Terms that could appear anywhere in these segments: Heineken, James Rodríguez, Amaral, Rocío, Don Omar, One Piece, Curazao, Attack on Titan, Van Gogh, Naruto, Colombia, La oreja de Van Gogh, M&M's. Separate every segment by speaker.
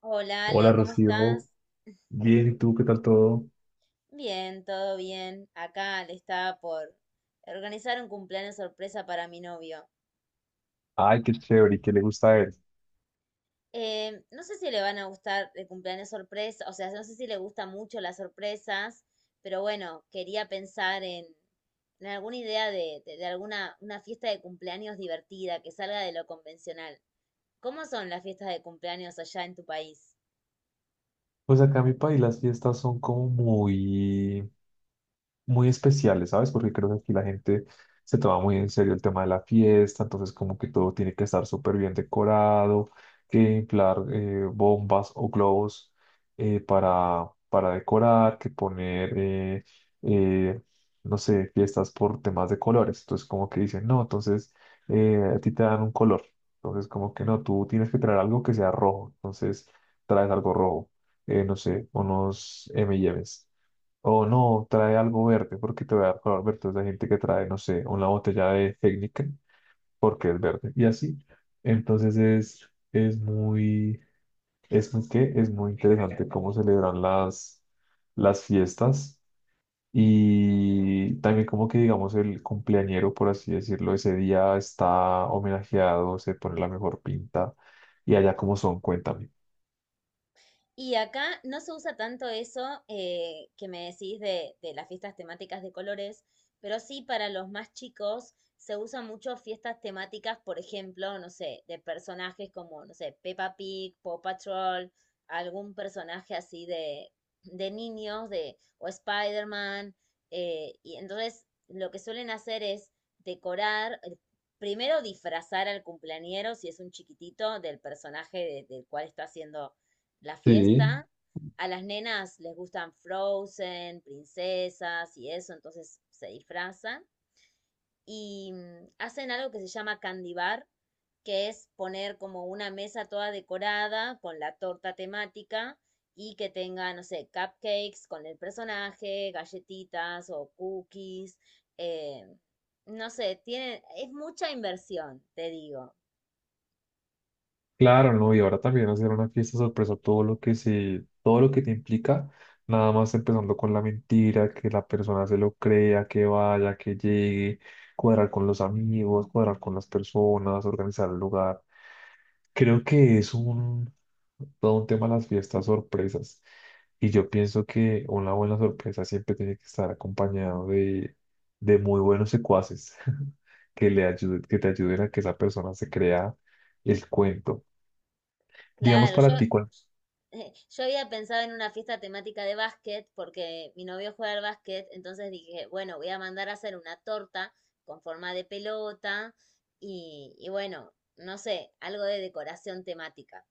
Speaker 1: Hola
Speaker 2: Hola
Speaker 1: Ale, ¿cómo
Speaker 2: Rocío,
Speaker 1: estás?
Speaker 2: bien, ¿y tú qué tal todo?
Speaker 1: Bien, todo bien. Acá le estaba por organizar un cumpleaños sorpresa para mi novio.
Speaker 2: Ay, qué chévere, ¿y qué le gusta a él?
Speaker 1: No sé si le van a gustar el cumpleaños sorpresa, o sea, no sé si le gustan mucho las sorpresas, pero bueno, quería pensar en alguna idea de alguna una fiesta de cumpleaños divertida que salga de lo convencional. ¿Cómo son las fiestas de cumpleaños allá en tu país?
Speaker 2: Pues acá en mi país las fiestas son como muy, muy especiales, ¿sabes? Porque creo que aquí la gente se toma muy en serio el tema de la fiesta, entonces como que todo tiene que estar súper bien decorado, que inflar bombas o globos para decorar, que poner, eh, no sé, fiestas por temas de colores. Entonces como que dicen, no, entonces a ti te dan un color. Entonces como que no, tú tienes que traer algo que sea rojo. Entonces traes algo rojo, no sé, unos M&M's. O no, trae algo verde, porque te voy a dar color verde. Entonces hay gente que trae, no sé, una botella de Heineken, porque es verde. Y así. Entonces es muy, ¿qué? Es muy interesante cómo celebran las fiestas. Y también como que, digamos, el cumpleañero, por así decirlo, ese día está homenajeado, se pone la mejor pinta. Y allá como son, cuéntame.
Speaker 1: Y acá no se usa tanto eso, que me decís de las fiestas temáticas de colores, pero sí para los más chicos se usan mucho fiestas temáticas, por ejemplo, no sé, de personajes como, no sé, Peppa Pig, Paw Patrol, algún personaje así de, niños, o Spider-Man. Y entonces lo que suelen hacer es decorar, primero disfrazar al cumpleañero, si es un chiquitito, del personaje del cual está haciendo la
Speaker 2: Sí.
Speaker 1: fiesta. A las nenas les gustan Frozen, princesas y eso, entonces se disfrazan y hacen algo que se llama candy bar, que es poner como una mesa toda decorada con la torta temática y que tenga, no sé, cupcakes con el personaje, galletitas o cookies. eh, no sé, tiene, es mucha inversión, te digo.
Speaker 2: Claro, no, y ahora también hacer una fiesta sorpresa, todo lo que te implica, nada más empezando con la mentira, que la persona se lo crea, que vaya, que llegue, cuadrar con los amigos, cuadrar con las personas, organizar el lugar. Creo que todo un tema las fiestas sorpresas. Y yo pienso que una buena sorpresa siempre tiene que estar acompañado de muy buenos secuaces que le ayuden, que te ayuden a que esa persona se crea el cuento. Digamos
Speaker 1: Claro, yo,
Speaker 2: para ti, ¿cuál?
Speaker 1: eh, yo había pensado en una fiesta temática de básquet porque mi novio juega al básquet, entonces dije, bueno, voy a mandar a hacer una torta con forma de pelota y bueno, no sé, algo de decoración temática.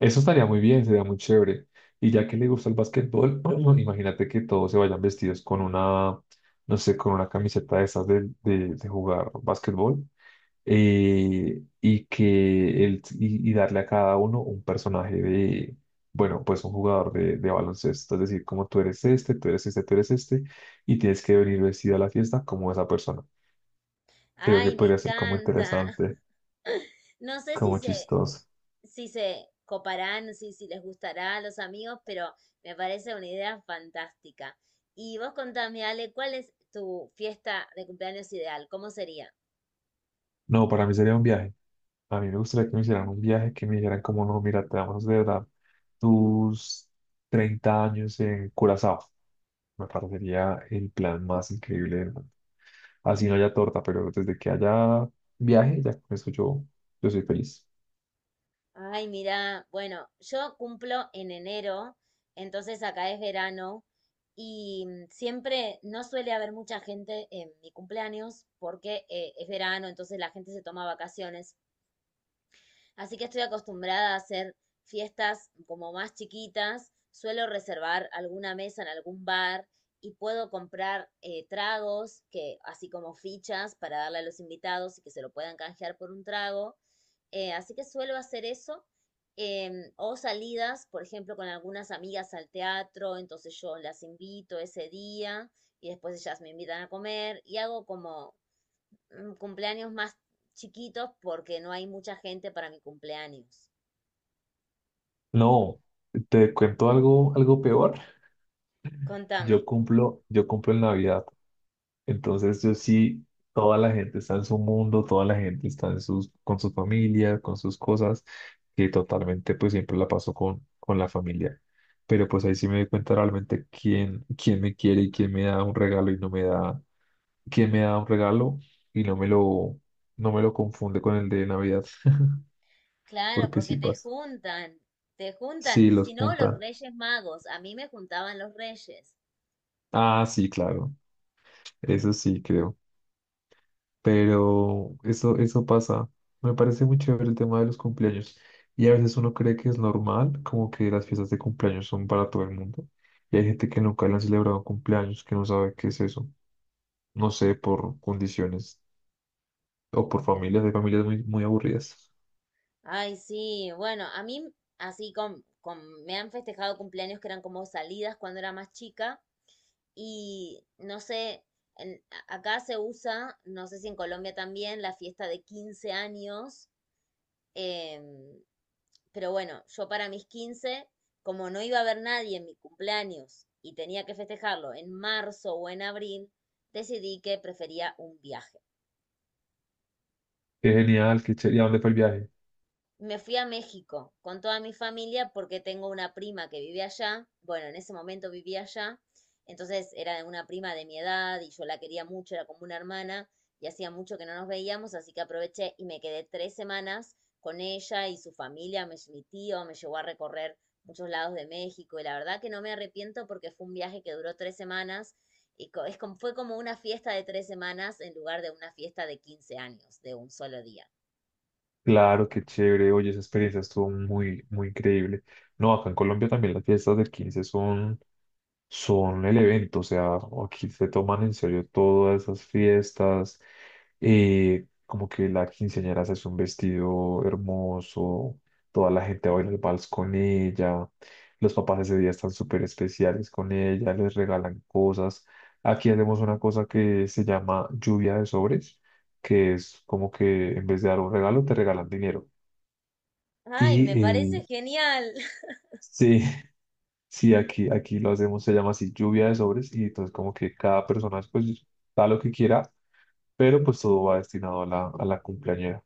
Speaker 2: Eso estaría muy bien, sería muy chévere. Y ya que le gusta el básquetbol, imagínate que todos se vayan vestidos con una, no sé, con una camiseta de esas de jugar básquetbol, y darle a cada uno un personaje de, bueno, pues un jugador de baloncesto. Es decir, como tú eres este, tú eres este, tú eres este, y tienes que venir vestido a la fiesta como esa persona. Creo que
Speaker 1: Ay, me
Speaker 2: podría ser como
Speaker 1: encanta.
Speaker 2: interesante,
Speaker 1: No sé si
Speaker 2: como
Speaker 1: se,
Speaker 2: chistoso.
Speaker 1: si se coparán, si les gustará a los amigos, pero me parece una idea fantástica. Y vos contame, Ale, ¿cuál es tu fiesta de cumpleaños ideal? ¿Cómo sería?
Speaker 2: No, para mí sería un viaje. A mí me gustaría que me hicieran un viaje, que me dijeran como, no, mira, te vamos a celebrar tus 30 años en Curazao. Me parecería el plan más increíble del mundo. Así no haya torta, pero desde que haya viaje, ya con eso yo soy feliz.
Speaker 1: Ay, mira, bueno, yo cumplo en enero, entonces acá es verano y siempre no suele haber mucha gente en mi cumpleaños porque es verano, entonces la gente se toma vacaciones. Así que estoy acostumbrada a hacer fiestas como más chiquitas. Suelo reservar alguna mesa en algún bar y puedo comprar tragos, que, así como fichas para darle a los invitados y que se lo puedan canjear por un trago. Así que suelo hacer eso. O salidas, por ejemplo, con algunas amigas al teatro, entonces yo las invito ese día y después ellas me invitan a comer y hago como cumpleaños más chiquitos porque no hay mucha gente para mi cumpleaños.
Speaker 2: No, te cuento algo, algo peor. Yo
Speaker 1: Contame.
Speaker 2: cumplo, yo cumplo en Navidad. Entonces, yo sí, toda la gente está en su mundo, toda la gente está con su familia, con sus cosas, que totalmente pues siempre la paso con la familia. Pero pues ahí sí me doy cuenta realmente quién me quiere y quién me da un regalo y no me da, quién me da un regalo y no me lo confunde con el de Navidad,
Speaker 1: Claro,
Speaker 2: porque
Speaker 1: porque
Speaker 2: sí
Speaker 1: te
Speaker 2: pasa.
Speaker 1: juntan, te juntan.
Speaker 2: Sí,
Speaker 1: Y
Speaker 2: los
Speaker 1: si no, los
Speaker 2: juntan.
Speaker 1: Reyes Magos. A mí me juntaban los Reyes.
Speaker 2: Ah, sí, claro. Eso sí, creo. Pero eso pasa. Me parece muy chévere el tema de los cumpleaños. Y a veces uno cree que es normal, como que las fiestas de cumpleaños son para todo el mundo. Y hay gente que nunca le han celebrado cumpleaños, que no sabe qué es eso. No sé, por condiciones o por familias. Hay familias muy, muy aburridas.
Speaker 1: Ay, sí, bueno, a mí así con me han festejado cumpleaños que eran como salidas cuando era más chica. Y no sé, en- acá se usa, no sé si en Colombia también, la fiesta de 15 años. Em, pero bueno, yo para mis 15, como no iba a haber nadie en mi cumpleaños y tenía que festejarlo en marzo o en abril, decidí que prefería un viaje.
Speaker 2: Qué genial, qué chévere. ¿Y a dónde fue el viaje?
Speaker 1: Me fui a México con toda mi familia porque tengo una prima que vive allá. Bueno, en ese momento vivía allá. Entonces era una prima de mi edad y yo la quería mucho, era como una hermana y hacía mucho que no nos veíamos, así que aproveché y me quedé 3 semanas con ella y su familia. Me, mi tío me llevó a recorrer muchos lados de México y la verdad que no me arrepiento porque fue un viaje que duró 3 semanas y es como, fue como una fiesta de 3 semanas en lugar de una fiesta de 15 años, de un solo día.
Speaker 2: Claro, qué chévere. Oye, esa experiencia estuvo muy, muy increíble. No, acá en Colombia también las fiestas del 15 son el evento, o sea, aquí se toman en serio todas esas fiestas, como que la quinceañera se hace un vestido hermoso, toda la gente baila el vals con ella, los papás ese día están súper especiales con ella, les regalan cosas. Aquí hacemos una cosa que se llama lluvia de sobres, que es como que en vez de dar un regalo te regalan dinero.
Speaker 1: Ay,
Speaker 2: Y
Speaker 1: me parece genial.
Speaker 2: sí, sí, aquí lo hacemos, se llama así lluvia de sobres y entonces como que cada persona pues da lo que quiera, pero pues todo va destinado a la, cumpleañera.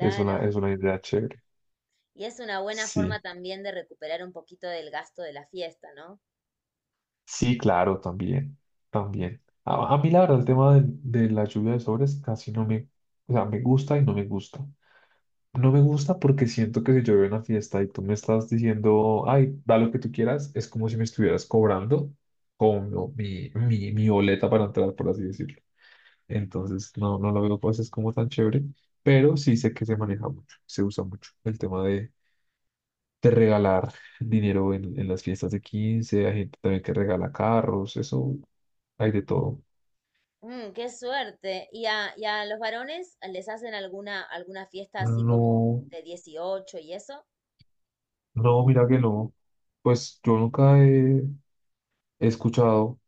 Speaker 2: Es una, es una idea chévere.
Speaker 1: Y es una buena forma
Speaker 2: Sí,
Speaker 1: también de recuperar un poquito del gasto de la fiesta, ¿no?
Speaker 2: sí, claro, también, también. A mí la verdad el tema de la lluvia de sobres casi no me, o sea, me gusta y no me gusta. No me gusta porque siento que si yo voy a una fiesta y tú me estás diciendo, ay, da lo que tú quieras, es como si me estuvieras cobrando como mi, mi boleta para entrar, por así decirlo. Entonces, no, no lo veo pues es como tan chévere, pero sí sé que se maneja mucho, se usa mucho el tema de, regalar dinero en las fiestas de quince. Hay gente también que regala carros, eso hay de todo.
Speaker 1: Mm, qué suerte. ¿Y a los varones les hacen alguna fiesta así como
Speaker 2: No,
Speaker 1: de 18 y eso?
Speaker 2: no, mira que no, pues yo nunca he escuchado,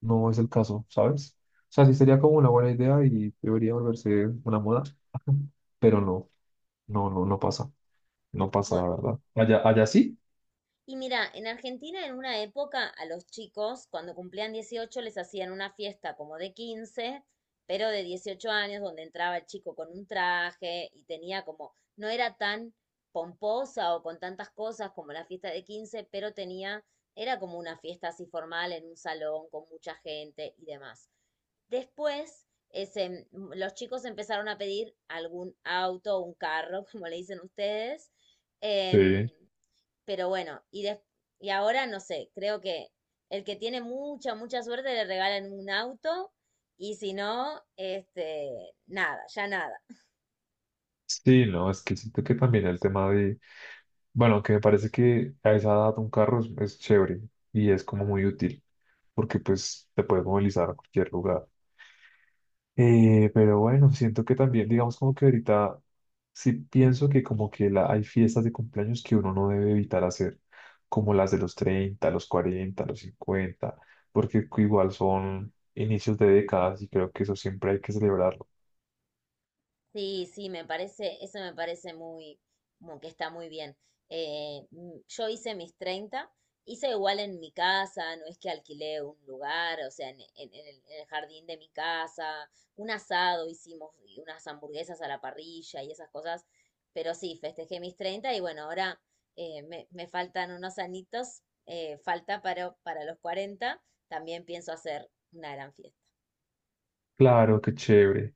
Speaker 2: no es el caso, ¿sabes? O sea, sí sería como una buena idea y debería volverse una moda, pero no, no, no, no pasa, no pasa
Speaker 1: Bu-
Speaker 2: la verdad. Allá, allá sí.
Speaker 1: Y mira, en Argentina en una época a los chicos cuando cumplían 18 les hacían una fiesta como de 15 pero de 18 años, donde entraba el chico con un traje y tenía como, no era tan pomposa o con tantas cosas como la fiesta de 15 pero tenía, era como una fiesta así formal en un salón con mucha gente y demás. Después, ese, los chicos empezaron a pedir algún auto, un carro, como le dicen ustedes. em,
Speaker 2: Sí.
Speaker 1: pero bueno, y ahora no sé, creo que el que tiene mucha, mucha suerte le regalan un auto y si no, este, nada, ya nada.
Speaker 2: Sí, no, es que siento que también el tema de, bueno, aunque me parece que a esa edad un carro es chévere y es como muy útil, porque pues te puedes movilizar a cualquier lugar. Pero bueno, siento que también, digamos como que ahorita sí pienso que como que hay fiestas de cumpleaños que uno no debe evitar hacer, como las de los 30, los 40, los 50, porque igual son inicios de décadas y creo que eso siempre hay que celebrarlo.
Speaker 1: Sí, sí, eso me parece muy, como que está muy bien. Yo hice mis 30, hice igual en mi casa, no es que alquilé un lugar, o sea, en el jardín de mi casa, un asado hicimos y unas hamburguesas a la parrilla y esas cosas, pero sí, festejé mis 30 y bueno, ahora, me faltan unos anitos, falta para los 40, también pienso hacer una gran fiesta.
Speaker 2: Claro, qué chévere.